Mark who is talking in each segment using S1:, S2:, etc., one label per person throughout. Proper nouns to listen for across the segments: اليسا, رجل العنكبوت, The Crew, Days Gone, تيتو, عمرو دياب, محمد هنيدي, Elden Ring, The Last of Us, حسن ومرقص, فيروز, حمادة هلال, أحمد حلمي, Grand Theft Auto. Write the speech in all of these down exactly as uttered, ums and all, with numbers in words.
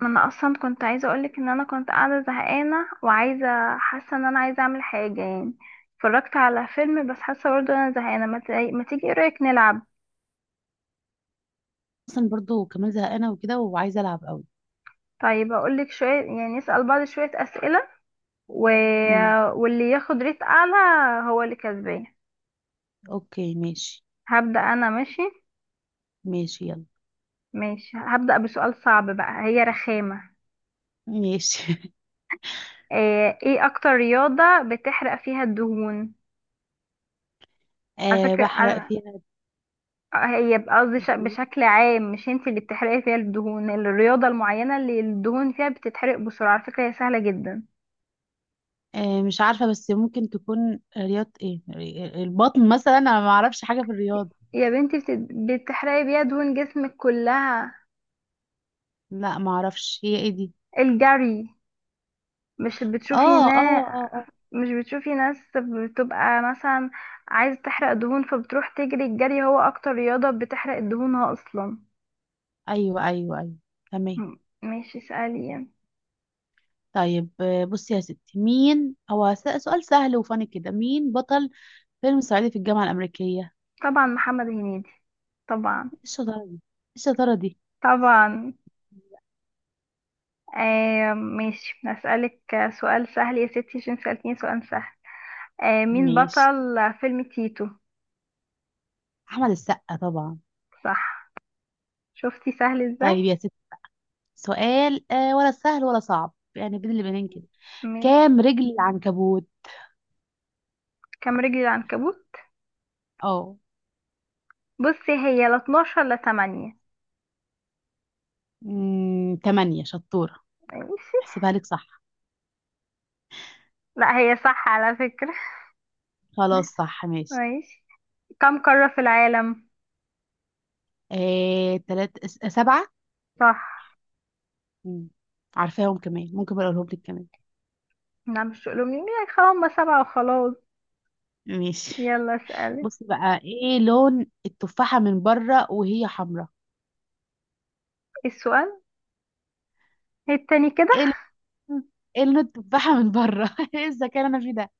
S1: ما انا اصلا كنت عايزه اقولك ان انا كنت قاعده زهقانه وعايزه حاسه ان انا عايزه اعمل حاجه يعني. اتفرجت على فيلم بس حاسه برضه انا زهقانه. ما, ت... ما تيجي، ايه رايك نلعب؟
S2: اصلا برضو كمان زهقانه وكده وعايزه العب قوي.
S1: طيب اقولك، شويه يعني نسال بعض شويه اسئله و...
S2: امم.
S1: واللي ياخد ريت اعلى هو اللي كسبان.
S2: اوكي ماشي.
S1: هبدا انا. ماشي،
S2: ماشي يلا.
S1: ماشي. هبدا بسؤال صعب بقى، هي رخامه.
S2: ماشي.
S1: ايه إيه اكتر رياضه بتحرق فيها الدهون؟ على
S2: أه، بحرق
S1: فكره،
S2: فيها.
S1: هي بقى قصدي ش- بشكل عام مش انت اللي بتحرقي فيها الدهون، الرياضة المعينة اللي الدهون فيها بتتحرق بسرعة. على فكرة، هي سهلة جدا.
S2: أه، مش عارفه، بس ممكن تكون رياضه ايه، ري- البطن مثلا، انا ما اعرفش حاجه في الرياضه.
S1: يا بنتي بت- بتحرقي بيها دهون جسمك كلها.
S2: لا ما اعرفش هي ايه دي.
S1: الجري. مش بتشوفي
S2: اه،
S1: ناس؟
S2: اه، اه، اه.
S1: مش بتشوفي ناس بتبقى مثلا عايزة تحرق دهون فبتروح تجري؟ الجري هو اكتر رياضة بتحرق دهونها اصلا.
S2: ايوه، ايوه، ايوه. تمام.
S1: م- ماشي، اسألي يعني.
S2: طيب، آه، بصي يا ستي، مين هو س- سؤال سهل وفاني كده؟ مين بطل فيلم صعيدي في الجامعه الامريكيه؟
S1: طبعا محمد هنيدي، طبعا
S2: ايه الشطاره دي؟ إيه الشطاره دي.
S1: طبعا. آه ماشي، هسألك سؤال سهل يا ستي عشان سألتيني سؤال سهل. آه، مين
S2: ماشي.
S1: بطل فيلم تيتو؟
S2: احمد السقا طبعا.
S1: صح. شفتي سهل ازاي.
S2: طيب يا ست، سؤال آه ولا سهل ولا صعب، يعني بين البنين كده.
S1: م-
S2: كام رجل العنكبوت؟
S1: كام رجل العنكبوت؟
S2: اه.
S1: بصي، هي لا اتناشر لا ثمانية.
S2: امم تمانية، شطورة.
S1: ماشي.
S2: احسبها لك صح.
S1: لا هي صح على فكرة.
S2: خلاص، صح ماشي.
S1: ماشي، كم قارة في العالم؟
S2: آه تلات س- سبعة.
S1: صح.
S2: مم. عارفاهم كمان، ممكن بقى اقولهم لك كمان.
S1: لا مش تقولوا لي، هم سبعة وخلاص.
S2: ماشي.
S1: يلا اسألي.
S2: بصي بقى، ايه لون التفاحة من بره وهي حمراء؟
S1: السؤال التاني كده.
S2: ايه لون- ايه لون التفاحة من بره؟ ايه الذكاء اللي انا فيه ده!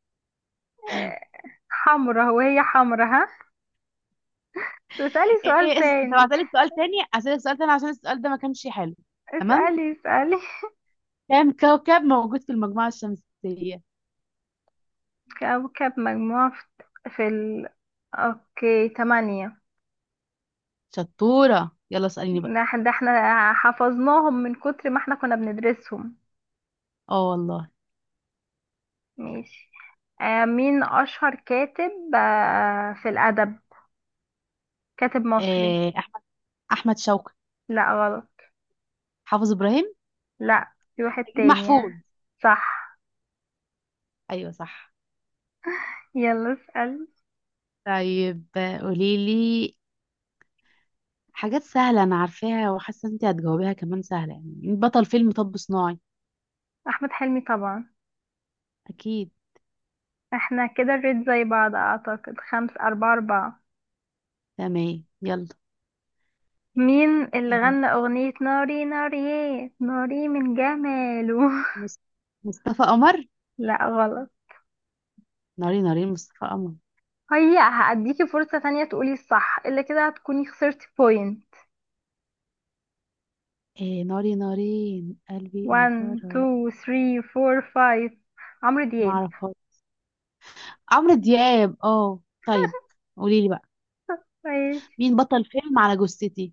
S1: آه، حمرا وهي حمرا ها. اسألي سؤال
S2: ايه اسم طب
S1: تاني.
S2: هسألك سؤال تاني هسألك سؤال تاني عشان السؤال ده ما كانش حلو. تمام.
S1: اسألي اسألي.
S2: كام كوكب موجود في المجموعة الشمسية؟
S1: كوكب مجموعة في في ال... اوكي تمانية.
S2: شطورة، يلا اسأليني بقى.
S1: ده إح- ده احنا حفظناهم من كتر ما احنا كنا بندرسهم.
S2: اه والله.
S1: ماشي. آه مين أشهر كاتب آه في الأدب، كاتب مصري؟
S2: آه، أحمد أحمد شوقي.
S1: لا غلط.
S2: حافظ إبراهيم.
S1: لا في واحد
S2: أكيد
S1: تاني.
S2: محفوظ.
S1: صح.
S2: أيوة صح.
S1: يلا اسأل.
S2: طيب، آه، قوليلي. حاجات سهلة أنا عارفاها وحاسة إن أنت هتجاوبيها كمان سهلة، يعني بطل فيلم طب صناعي.
S1: أحمد حلمي طبعا.
S2: أكيد.
S1: احنا كده الريت زي بعض أعتقد، خمس أربعة أربعة.
S2: تمام يلا.
S1: مين اللي
S2: آه،
S1: غنى أغنية ناري ناري؟ ناري من جماله.
S2: مص- مصطفى قمر.
S1: لا غلط.
S2: ناري نارين مصطفى قمر.
S1: هي هأديكي فرصة تانية تقولي الصح، إلا كده هتكوني خسرتي بوينت.
S2: إيه ناري نارين قلبي إيه؟
S1: واحد
S2: جرى.
S1: اتنين تلاتة أربعة خمسة. عمرو دياب.
S2: معرفهاش. عمرو دياب، اه طيب. قوليلي بقى،
S1: ماشي.
S2: مين بطل فيلم على جثتي.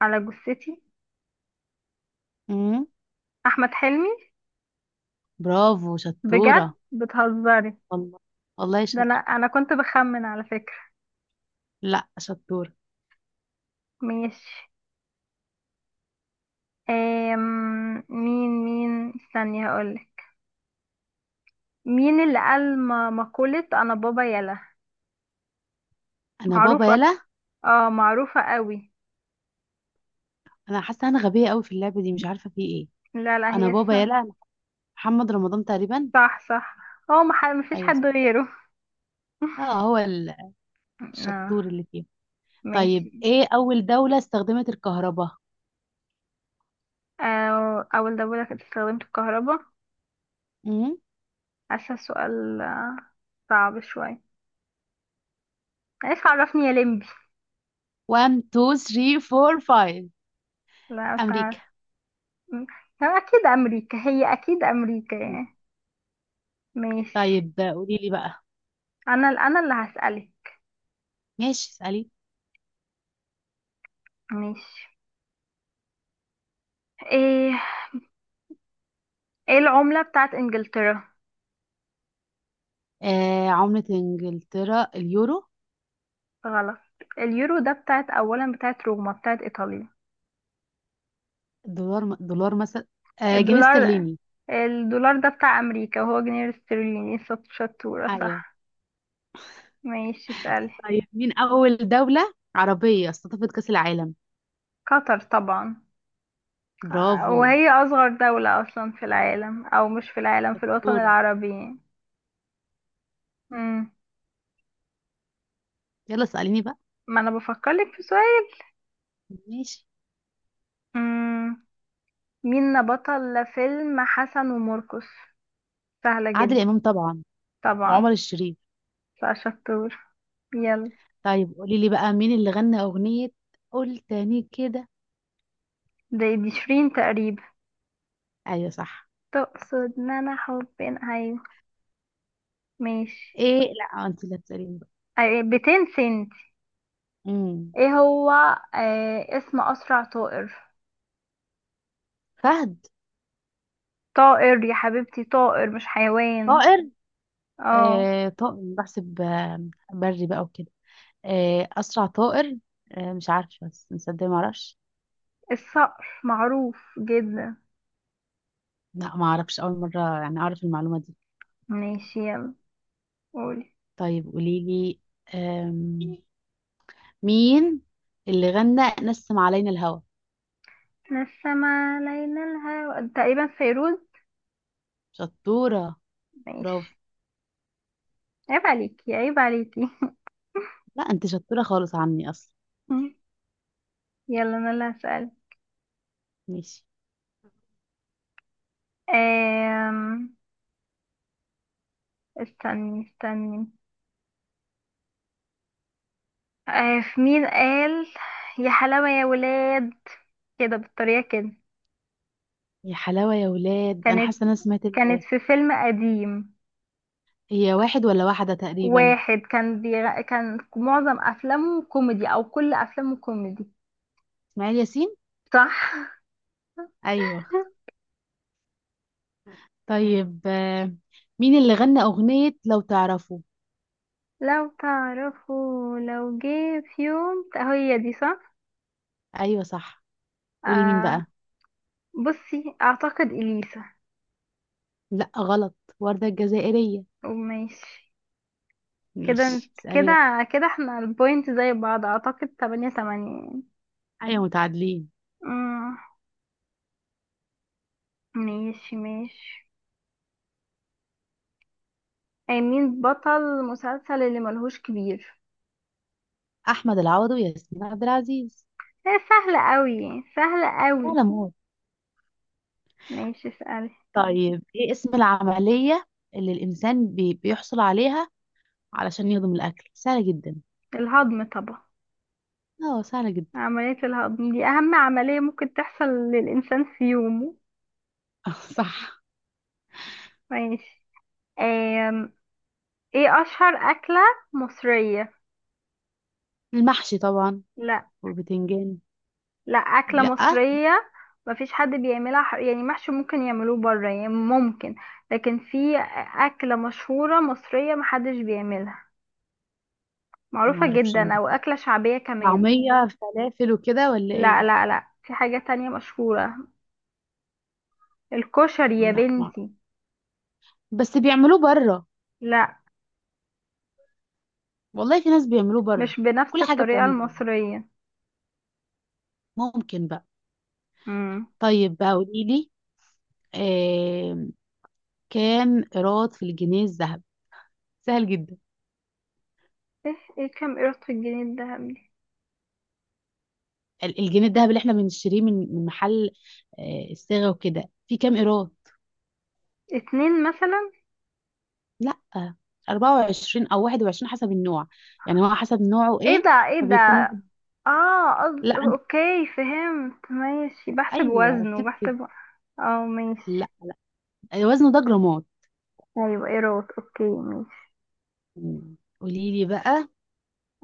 S1: على جثتي.
S2: امم.
S1: أحمد حلمي.
S2: برافو شطورة.
S1: بجد بتهزري.
S2: والله. والله
S1: ده أنا
S2: شاطرة.
S1: أنا كنت بخمن على فكرة.
S2: لا، شطورة.
S1: ماشي. أم... مين مين استني هقولك. مين اللي قال م- مقولة أنا بابا يلا؟
S2: انا بابا
S1: معروفة.
S2: يلا.
S1: اه معروفة قوي.
S2: انا حاسة انا غبية قوي في اللعبة دي، مش عارفة في ايه.
S1: لا لا،
S2: انا
S1: هي
S2: بابا
S1: صح.
S2: يلا. محمد رمضان تقريبا.
S1: صح صح. هو مح- مفيش
S2: ايوه
S1: حد
S2: صح.
S1: غيره.
S2: اه، هو ال-
S1: آه.
S2: الشطور اللي فيه.
S1: ماشي.
S2: طيب، ايه اول دولة استخدمت الكهرباء؟
S1: أو أول دولة كانت استخدمت الكهرباء؟
S2: امم.
S1: حاسة السؤال آه، صعب شوية. عايز عرفني يا لمبي.
S2: واحد اتنين تلاتة اربعة خمسة.
S1: لا مش
S2: امريكا.
S1: عارف. م- هو أكيد أمريكا، هي أكيد أمريكا
S2: مم.
S1: يعني. ماشي.
S2: طيب قولي لي بقى.
S1: أنا أنا اللي هسألك.
S2: ماشي اسألي.
S1: ماشي. إيه، إيه العملة بتاعت إنجلترا؟
S2: آه عملة انجلترا اليورو.
S1: غلط. اليورو ده بتاعت أولا بتاعت روما، بتاعت إيطاليا.
S2: دولار، دولار مثلا. آه جنيه
S1: الدولار.
S2: استرليني.
S1: الدولار ده بتاع أمريكا، وهو جنيه استرليني. شط- شطورة،
S2: ايوه.
S1: صح. ماشي اسألي.
S2: طيب، مين اول دولة عربية استضافت كأس العالم؟
S1: قطر طبعا.
S2: برافو.
S1: وهي أصغر دولة أصلا في العالم، أو مش في العالم، في الوطن
S2: دورة.
S1: العربي يعني. مم.
S2: يلا اسأليني بقى.
S1: ما أنا بفكرلك في سؤال.
S2: ماشي.
S1: مم. مين بطل فيلم حسن ومرقص؟ سهلة
S2: عادل
S1: جدا.
S2: امام طبعا. وعمر
S1: طبعا.
S2: الشريف.
S1: بقى شطور. يلا.
S2: طيب قولي لي بقى، مين اللي غنى اغنية. قول تاني كده.
S1: دي دي شيرين تقريبا.
S2: ايوه صح.
S1: تقصد ان انا حبين، ايوه. ماشي.
S2: ايه، لا انت اللي هتسأليني بقى.
S1: أيوة، ميتين سنت.
S2: امم.
S1: ايه هو، آه اسم اسرع طائر؟
S2: فهد.
S1: طائر يا حبيبتي، طائر مش حيوان.
S2: طائر.
S1: اه.
S2: آه طائر بحسب آه، بري بقى وكده. آه اسرع طائر. آه مش عارفة، بس مصدق ما اعرفش.
S1: الصقر معروف جدا.
S2: لا ما اعرفش، اول مرة يعني اعرف المعلومة دي.
S1: ماشي يلا. قولي.
S2: طيب قولي لي مين اللي غنى نسم علينا الهوى.
S1: من السما لينا الهوى تقريبا، فيروز.
S2: شطورة. برافو.
S1: ماشي. عيب عليكي، عيب عليكي.
S2: لا انت شطورة خالص عني اصلا.
S1: يلا انا اللي هسأل.
S2: ماشي.
S1: أم... استني استني. أه، في مين قال يا حلاوة يا ولاد، كده بالطريقة كده؟
S2: يا حلاوة يا ولاد، انا
S1: كانت،
S2: حاسة ان انا سمعت ال...
S1: كانت في فيلم قديم.
S2: هي واحد ولا واحدة تقريبا.
S1: واحد كان بيغ... كان معظم أفلامه كوميدي، أو كل أفلامه كوميدي.
S2: اسماعيل ياسين.
S1: صح.
S2: ايوه. طيب، آه، مين اللي غنى اغنية لو تعرفوا؟
S1: لو تعرفوا لو جه في يوم، هي دي صح.
S2: ايوه صح. قولي مين
S1: آه.
S2: بقى.
S1: بصي، اعتقد اليسا.
S2: لا غلط. وردة الجزائرية.
S1: وماشي. كده
S2: ماشي
S1: انت-
S2: اسألي
S1: كده،
S2: بقى.
S1: كده احنا البوينت زي بعض اعتقد، تمانية تمانية يعني.
S2: ايوه متعادلين.
S1: مم، ماشي ماشي. أي مين بطل مسلسل اللي ملهوش كبير؟
S2: احمد العوضي وياسمين عبد العزيز.
S1: هي سهلة قوي، سهلة قوي.
S2: سلام.
S1: ماشي اسألي.
S2: طيب ايه اسم العملية اللي الإنسان بي بيحصل عليها علشان يهضم الأكل؟ سهلة جدا.
S1: الهضم طبعا.
S2: اه سهلة جدا.
S1: عملية الهضم دي أهم عملية ممكن تحصل للإنسان في يومه.
S2: صح.
S1: ماشي. ايه اشهر اكلة مصرية؟
S2: المحشي طبعا.
S1: لا.
S2: والبتنجان.
S1: لا اكلة
S2: لأ.
S1: مصرية. مفيش حد بيعملها ح- يعني محشي ممكن يعملوه بره يعني ممكن. لكن في اكلة مشهورة مصرية محدش بيعملها، معروفة
S2: معرفش.
S1: جدا، او اكلة شعبية كمان.
S2: طعمية، فلافل وكده ولا
S1: لا
S2: ايه؟
S1: لا لا، في حاجة تانية مشهورة. الكشري يا
S2: لا ما،
S1: بنتي.
S2: بس بيعملوه بره.
S1: لا،
S2: والله في ناس بيعملوه بره.
S1: مش بنفس
S2: كل حاجة
S1: الطريقة
S2: بتعمل بره،
S1: المصرية.
S2: ممكن بقى.
S1: امم.
S2: طيب بقى قوليلي، آه كام إيراد في الجنيه الذهبي؟ سهل جدا.
S1: ايه ايه كام قيرة الجنيه الدهب دي؟
S2: ال- الجنيه الذهب اللي احنا بنشتريه من من محل آه، الصاغة وكده، في كام قيراط؟
S1: اتنين مثلا.
S2: لا، اربعة وعشرين او واحد وعشرين حسب النوع، يعني هو حسب نوعه
S1: ايه
S2: ايه.
S1: ده، ايه
S2: فبيكون
S1: ده.
S2: واحد.
S1: اه قصد-
S2: لا أنت-
S1: اوكي فهمت ماشي، بحسب
S2: ايوه
S1: وزنه،
S2: ركزي كده.
S1: بحسب. اه ماشي.
S2: لا، وزنه ده جرامات.
S1: ايوه ايروت، اوكي ماشي.
S2: مم. قولي لي بقى.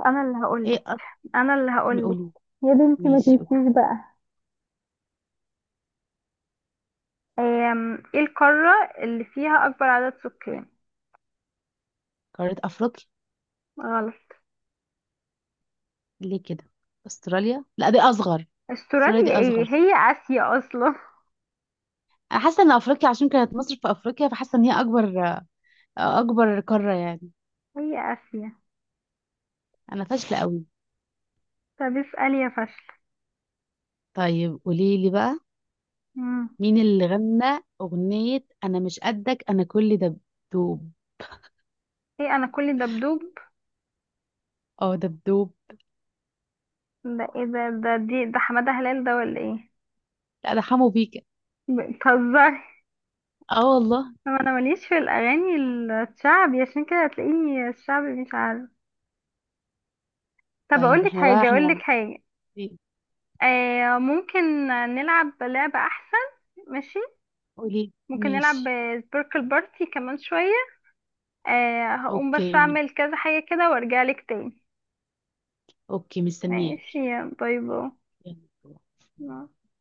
S1: انا اللي هقولك،
S2: ايه أط-
S1: انا اللي هقولك.
S2: قولي
S1: يا بنتي ما
S2: ماشي. قولي.
S1: تنسيش بقى. أم، ايه القارة اللي فيها اكبر عدد سكان؟
S2: قارة افريقيا.
S1: غلط.
S2: ليه كده؟ استراليا، لا دي اصغر. استراليا
S1: استراليا،
S2: دي
S1: ايه
S2: اصغر.
S1: هي اسيا اصلا.
S2: انا حاسه ان افريقيا، عشان كانت مصر في افريقيا فحاسه ان هي اكبر، اكبر قاره يعني.
S1: هي اسيا.
S2: انا فاشله قوي.
S1: طب اسألي يا فشل.
S2: طيب قولي لي بقى،
S1: مم.
S2: مين اللي غنى أغنية أنا مش قدك أنا كل دبدوب؟
S1: ايه انا كل دبدوب؟
S2: اه دبدوب.
S1: ده ايه ده، ده دي ده حمادة هلال ده ولا ايه؟
S2: لا ده حمو بيكا.
S1: بتهزري.
S2: اه والله.
S1: هو انا ماليش في الاغاني الشعبي، عشان كده هتلاقيني الشعبي مش عارف. طب اقول
S2: طيب
S1: لك
S2: احنا بقى
S1: حاجه، اقول لك
S2: احنا.
S1: حاجه. آه ممكن نلعب لعبه احسن. ماشي.
S2: قولي
S1: ممكن نلعب
S2: ماشي.
S1: سبيركل بارتي كمان شويه. آه هقوم بس
S2: اوكي.
S1: اعمل كذا حاجه كده، وارجع لك تاني.
S2: اوكي
S1: ماشي.
S2: مستنياكي.
S1: باي.
S2: يلا.
S1: باي